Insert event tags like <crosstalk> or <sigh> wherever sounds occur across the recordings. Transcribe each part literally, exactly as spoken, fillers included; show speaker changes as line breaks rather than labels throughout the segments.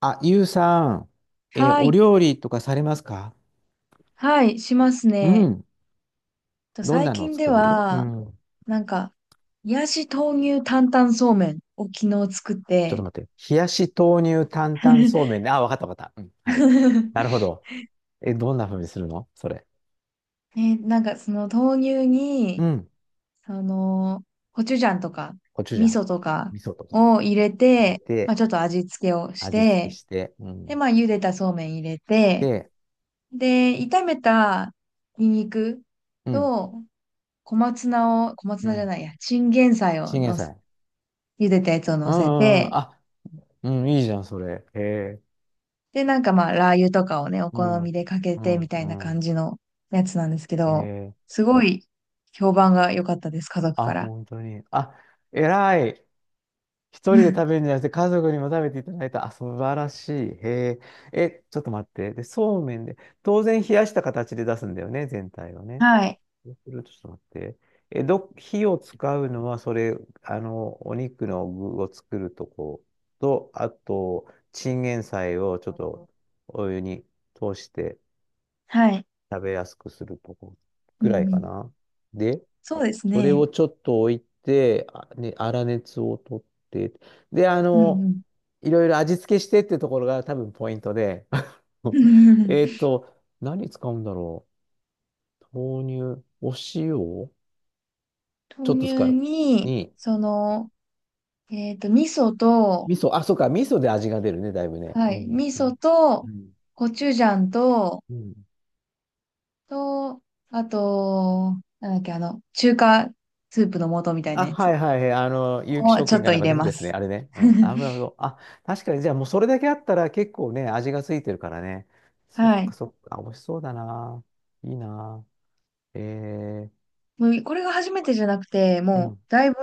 あ、ゆうさん、えー
は
お
い。
料理とかされますか？
はい、します
う
ね。
ん。
と
どん
最
なのを
近で
作れる？う
は、
ん。
なんか、冷やし豆乳担々そうめんを昨日作っ
ちょっと
て、
待って。冷やし豆乳担々そうめんね。あ、わかったわかった。うん。はい。な
<laughs>
るほど。え、どんな風にするのそれ？
ね、なんかその豆乳
う
に、
ん。
その、コチュジャンとか、
コチュジ
味
ャン、
噌とか
味噌とか
を入れ
入れ
て、まあ
て、
ちょっと味付けをし
味付け
て、
して、う
で、
ん。
まあ茹でたそうめん入れて、
で、
で、炒めたニンニク
うん。
と小松菜を、小松
う
菜じゃ
ん。
ないや、チンゲン菜を
チンゲン
のす、
菜。
茹でたやつを
う
乗
ん
せ
うんうん。
て、
あ、うん、いいじゃん、それ。へえ。
で、なんかまあ、ラー油とかをね、お
う
好
ん。
みでかけ
う
てみ
ん、
たいな
う
感
ん。
じのやつなんですけ
へ
ど、
え。
すごい評判が良かったです、家族
あ、
から。
本当に？あ、偉い。一人で食べる
<laughs>
んじゃなくて家族にも食べていただいた。あ、素晴らしい。へえ。え、ちょっと待って。で、そうめんで、当然冷やした形で出すんだよね、全体をね。
はい
そうすると、ちょっと待って。え、ど、火を使うのは、それ、あの、お肉の具を作るとこと、あと、チンゲン菜をちょっとお湯に通して
はい。
食べやすくするとこ
う
ぐ
んう
らいか
ん。
な。で、
そうです
それ
ね。
をちょっと置いて、あね、粗熱を取って、で、あ
う
の、
ん
いろいろ味付けしてってところが多分ポイントで、
う
<laughs>
ん。
えっ
<laughs>
と、何使うんだろう。豆乳、お塩、ちょ
豆
っと使
乳
う。
に、
に、
その、えっと、味噌と、
味噌、あ、そうか、味噌で味が出るね、だいぶね。
は
う
い、
ん。
味
うん。
噌と、
うん。
コチュジャンと、
うん。
と、あと、なんだっけ、あの、中華スープの素みたい
あ、
なや
は
つ
いはいはい。あの、有機
を
食
ちょ
品
っ
が
と
なん
入
か出
れ
てる
ま
ですね。
す。
あれね。うん。あ、なるほ
<laughs>
ど。あ、確かに、じゃあもうそれだけあったら結構ね、味がついてるからね。そっ
は
か
い。
そっか。美味しそうだな。いいな。えー、
もうこれが初めてじゃなくて、
う
も
ん。
うだいぶ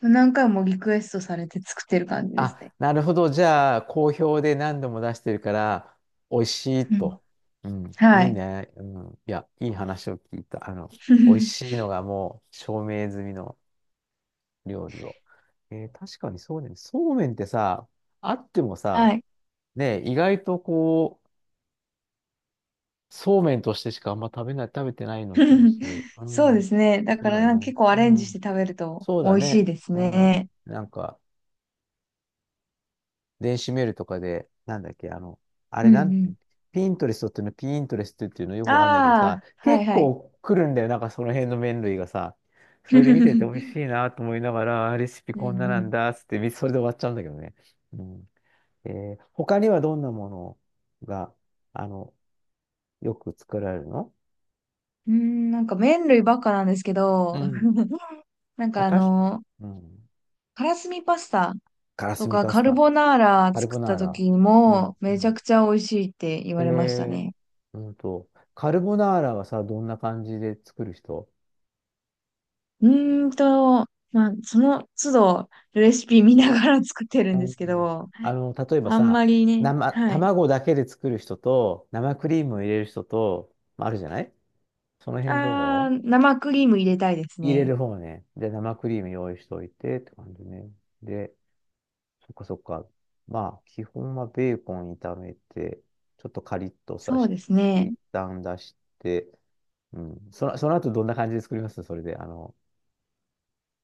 何回もリクエストされて作ってる感じですね。
あ、なるほど。じゃあ、好評で何度も出してるから、美味しい
うん。
と。うん。
は
いい
い。
ね。うん。いや、いい話を聞いた。あの、美味しい
<laughs>
のがもう証明済みの料理を。えー確かにそうね。そうめんってさ、あってもさ、
はい。
ねえ、意外とこう、そうめんとしてしかあんま食べない、食べてないような気もする。
<laughs>
う
そうで
ん、
すね。だ
そ
か
う
ら
だ
なんか
ね。
結構ア
う
レンジし
ん、
て食べると
そう
美
だ
味し
ね。
いです
うん、
ね。
なんか、電子メールとかで、なんだっけ、あの、あれ
うんう
なんて、
ん。
ピントレストっていうの、ピントレストっていうのよく
あ
わかんないけどさ、
あ、はい
結
はい。
構来るんだよ、なんかその辺の麺類がさ。それで見てて美味
<laughs>
しいなと思いながら、あレシピ
うんう
こんななん
ん。
だ、つって、それで終わっちゃうんだけどね。うん。えー他にはどんなものが、あの、よく作られるの？
うん、なんか麺類ばっかなんですけ
う
ど、
ん。
<laughs> なんかあ
私、
の、
うん。
からすみパスタ
から
と
すみ
か
パス
カル
タ、
ボナーラ
カル
作
ボ
った
ナーラ。
時
うん。
も
う
めちゃ
ん。
くちゃ美味しいって言
え
われました
ー、
ね。
うんと、カルボナーラはさ、どんな感じで作る人？
うーんと、まあ、その都度レシピ見ながら作ってる
う
んで
ん。
すけど、
あの、例えば
あん
さ、
まりね、
生、
はい。
卵だけで作る人と、生クリームを入れる人と、まああるじゃない、その辺
あ
どう？
ー、生クリーム入れたいです
入れ
ね。
る方ね。で、生クリーム用意しておいてって感じね。で、そっかそっか。まあ、基本はベーコン炒めて、ちょっとカリッとさ
そう
し
です
て、
ね。
一旦出して、うん。その、その後どんな感じで作りますそれで。あの、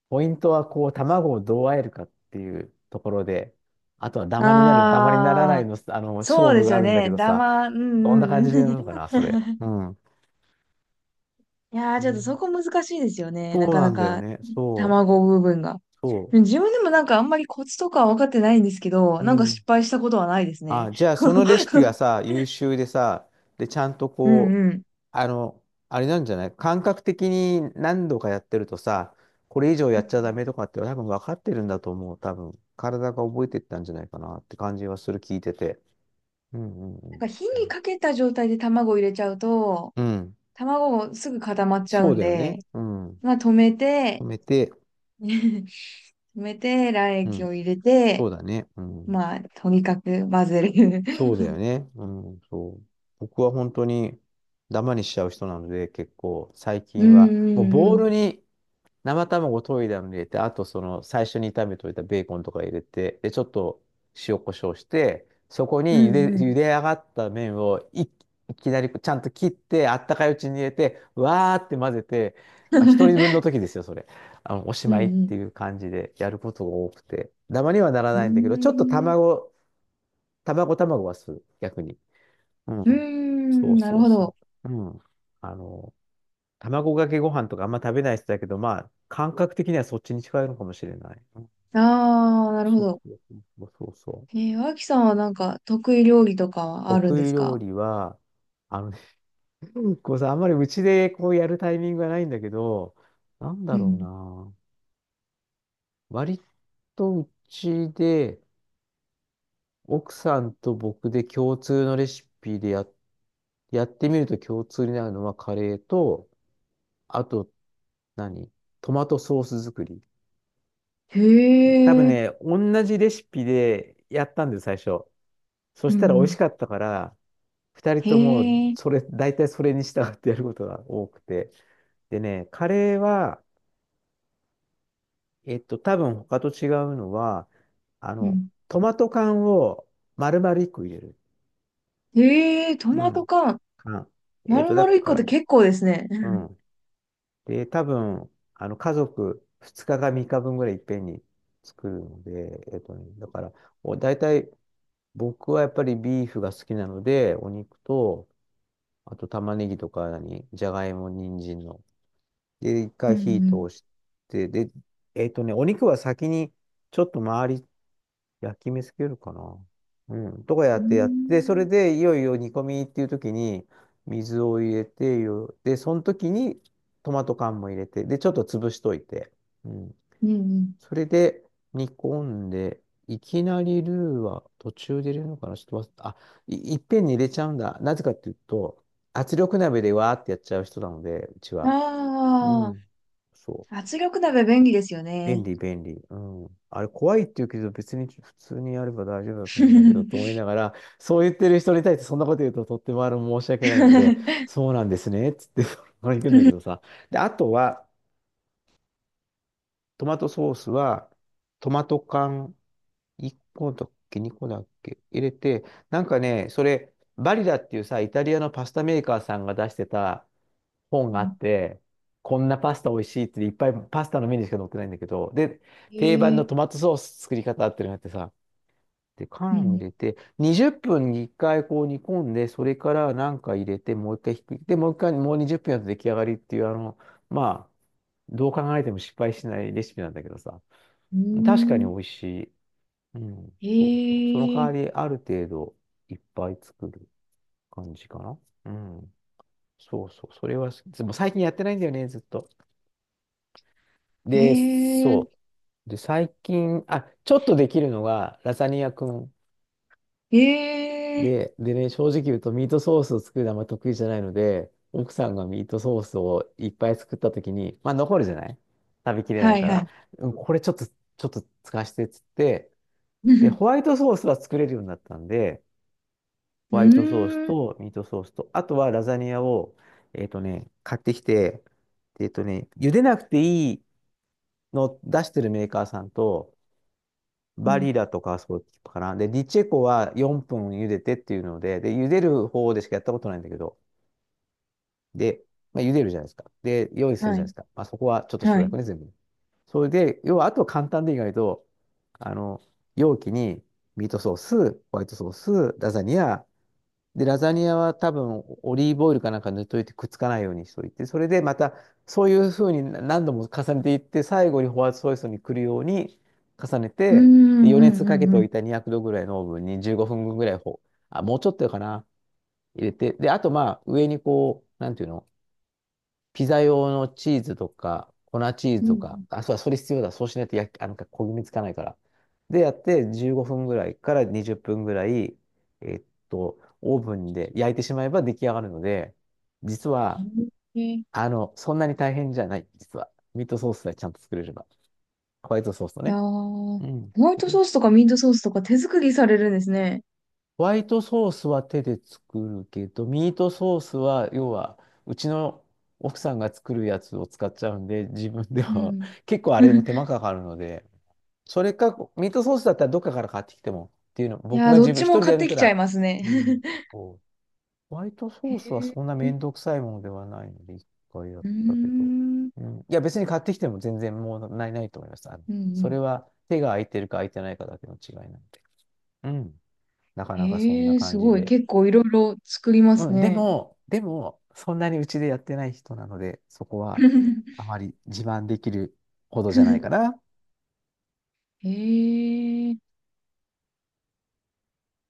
ポイントはこう、卵をどう和えるかっていうところで、あとはダマになる、ダマにならな
あ
い
ー、
の、あの、勝
そう
負
です
があ
よ
るんだけ
ね。
ど
だ
さ、
ま、うん
どんな感
うん
じで
う
やる
ん。
の
<laughs>
かな、それ。うん。
いや
え
ー、ちょっとそ
ー
こ難しいですよね。な
そう
か
な
な
んだよ
か、
ね。そう。
卵部分が。
そ
自分でもなんかあんまりコツとかは分かってないんですけど、
う。う
なんか失
ん。
敗したことはないですね。
あ、じゃあそのレシピが
<laughs>
さ、優秀でさ、で、ちゃんと
うん
こう、
うん。
あの、あれなんじゃない感覚的に何度かやってるとさ、これ以上やっちゃダメとかって多分分かってるんだと思う。多分、体が覚えてったんじゃないかなって感じはする、聞いてて。うんうん
なんか火
う
に
ん。
かけた状態で卵を入れちゃうと、
うん。
卵もすぐ固まっちゃ
そ
う
う
ん
だよね。
で、
うん。
まあ止めて、
止めて、
<laughs> 止めて、卵
う
液
ん。
を入れ
そ
て、
うだね。うん。
まあ、とにかく混ぜる。
そうだよね。うん。そう。僕は本当にダマにしちゃう人なので、結構最
<laughs> う
近
んう
は、もう
んう
ボー
ん。
ルに、生卵溶いたのに入れて、あとその最初に炒めといたベーコンとか入れて、で、ちょっと塩コショウして、そこ
う
に茹
ん
で、
う
茹
ん。
で上がった麺をい、いきなりちゃんと切って、あったかいうちに入れて、わーって混ぜて、まあ一人分の
<laughs>
時ですよ、それ。あの、おし
う
まいっ
ん
ていう感じでやることが多くて。ダマにはなら
うん。
ないんだけど、
う
ちょっと
ーん。
卵、卵卵はする、逆に。うん。
うー
そ
ん、
う
な
そ
る
う
ほ
そ
ど。
う。うん。あの卵かけご飯とかあんま食べない人だけど、まあ、感覚的にはそっちに近いのかもしれない。うん。
ああ、なるほ
そう
ど。
そうそうそうそう。
えー、脇さんはなんか得意料理とかはあるん
得
で
意
す
料
か。
理は、あのね、<laughs> こうさ、あんまりうちでこうやるタイミングがないんだけど、なん
う
だろう
ん。
な。割とうちで、奥さんと僕で共通のレシピでや、やってみると共通になるのはカレーと、あと何トマトソース作り。
へ
多分
え。
ね、同じレシピでやったんです、最初。そ
う
し
んう
たら美味し
ん。
かったから、二人
へ
とも、
え。
それ、大体それに従ってやることが多くて。でね、カレーは、えっと、多分他と違うのは、あ
う
の、
ん。
トマト缶を丸々一個入れる。
へえ、ト
う
マト
ん。
缶。
缶。えっ
丸
と、だ
々1
か
個って
ら、
結構ですね。う
う
ん
ん。で、多分、あの、家族ふつかかさんにちぶんぐらいいっぺんに作るので、えっとね、だから、お大体僕はやっぱりビーフが好きなので、お肉と、あと玉ねぎとか何、じゃがいも、人参の。で、一
う
回火通
ん
して、で、えっとね、お肉は先にちょっと周り焼き目つけるかな。うん、とかや
うん。
っ
うー
てやって、それ
ん。
でいよいよ煮込みっていう時に水を入れてよ、で、その時にトマト缶も入れて、で、ちょっと潰しといて。うん。
うん
それで煮込んで、いきなりルーは途中で入れるのかなちょっと忘れた。あ、い、いっぺんに入れちゃうんだ。なぜかっていうと、圧力鍋でわーってやっちゃう人なので、うち
うん。
は。う
あ
ん。そ
あ、
う。
圧力鍋便利ですよ
便
ね。
利、便利。うん。あれ、怖いって言うけど、別に普通にやれば大丈夫だと
<laughs> う
思うんだけど、
ん。
と思いながら、そう言ってる人に対してそんなこと言うと、とってもあの申し訳ないので、
<laughs>
そうなんですね、つって、<laughs> これ行くんだけどさ。で、あとは、トマトソースは、トマト缶いっこだっけ、にこだっけ、入れて、なんかね、それ、バリラっていうさ、イタリアのパスタメーカーさんが出してた本があって、こんなパスタ美味しいっていっぱいパスタのメニューしか載ってないんだけど、で、
へ
定番の
え。
トマトソース作り方っていうのがあってさ、で、
う
缶を入
ん
れて、にじゅっぷんにいっかいこう煮込んで、それからなんか入れて、もう一回ひっくり、で、もう一回、もうにじゅっぷんやると出来上がりっていう、あの、まあ、どう考えても失敗しないレシピなんだけどさ。
うん。
確かに
ー
美
ん。
味しい。うん、
へ
そうそう。その代
え。
わり、ある程度いっぱい作る感じかな。うん。そうそう。それは好き、でも最近やってないんだよね、ずっと。
へ
で、
え。
そう。で、最近、あ、ちょっとできるのが、ラザニアくん。
へえ。
で、でね、正直言うとミートソースを作るのはあんま得意じゃないので、奥さんがミートソースをいっぱい作った時に、まあ残るじゃない。食べきれない
はい
か
は
ら、
い。
うんこれちょっと、ちょっと使わせてっつって、で、ホワ
<laughs>
イトソースは作れるようになったんで、ホ
う
ワイトソース
ーん。
とミートソースと、あとはラザニアを、えっとね、買ってきて、えっとね、茹でなくていいのを出してるメーカーさんと、
う
バ
ん。
リだとか、そうかな。で、ディチェコはよんぷん茹でてっていうので、で、茹でる方でしかやったことないんだけど、で、まあ、茹でるじゃないですか。で、用意する
は
じゃない
い。
ですか。まあ、そこはちょっと
は
省
い。
略ね、全部。それで、要は、あとは簡単で意外と、あの、容器にミートソース、ホワイトソース、ラザニア、で、ラザニアは多分オリーブオイルかなんか塗っといてくっつかないようにしといて、それでまたそういうふうに何度も重ねていって、最後にホワイトソースに来るように重ね
うーんう
て、で余熱
んう
かけ
ん
て
う
お
ん。
いたにひゃくどぐらいのオーブンにじゅうごふんぐらいほ、あ、もうちょっとかな、入れて、で、あとまあ上にこう、なんていうのピザ用のチーズとか、粉チーズ
う
とか、
ん。
あ、そうだ、それ必要だ。そうしないと焼き、あ、なんか焦げ目つかないから。で、やってじゅうごふんぐらいからにじゅっぷんぐらい、えっと、オーブンで焼いてしまえば出来上がるので、実
う
は、
んへえ。い
あの、そんなに大変じゃない、実は。ミートソースさえちゃんと作れれば。ホワイトソースと
やー、
ね。
ホ
うん。
ワイ
そ
ト
れ
ソースとかミートソースとか手作りされるんですね。
ホワイトソースは手で作るけど、ミートソースは、要は、うちの奥さんが作るやつを使っちゃうんで、自分で
う
は
ん。
<laughs> 結構あれでも手
<laughs>
間かかるので、それか、ミートソースだったらどっかから買ってきてもっていうの、
い
僕
やー、
が
どっ
自分、一
ちも
人で
買っ
やっ
て
た
きちゃ
ら、
いますね。
う
<laughs>
ん、そうホワイト
へ
ソースはそんなめ
ー
んどくさいものではないので、一回やっ
うー
たけど。
ん、うん
うん、いや、別に買ってきても全然もうない、ないと思います。あの、
う
それ
ん。
は手が空いてるか空いてないかだけの違いなんで。うん。なかなかそんな
へえ、す
感じ
ごい。
で。
結構いろいろ作りま
う
す
ん、で
ね。
も、でも、そんなにうちでやってない人なので、そこはあ
<laughs>
まり自慢できるほどじゃないかな。
へえ。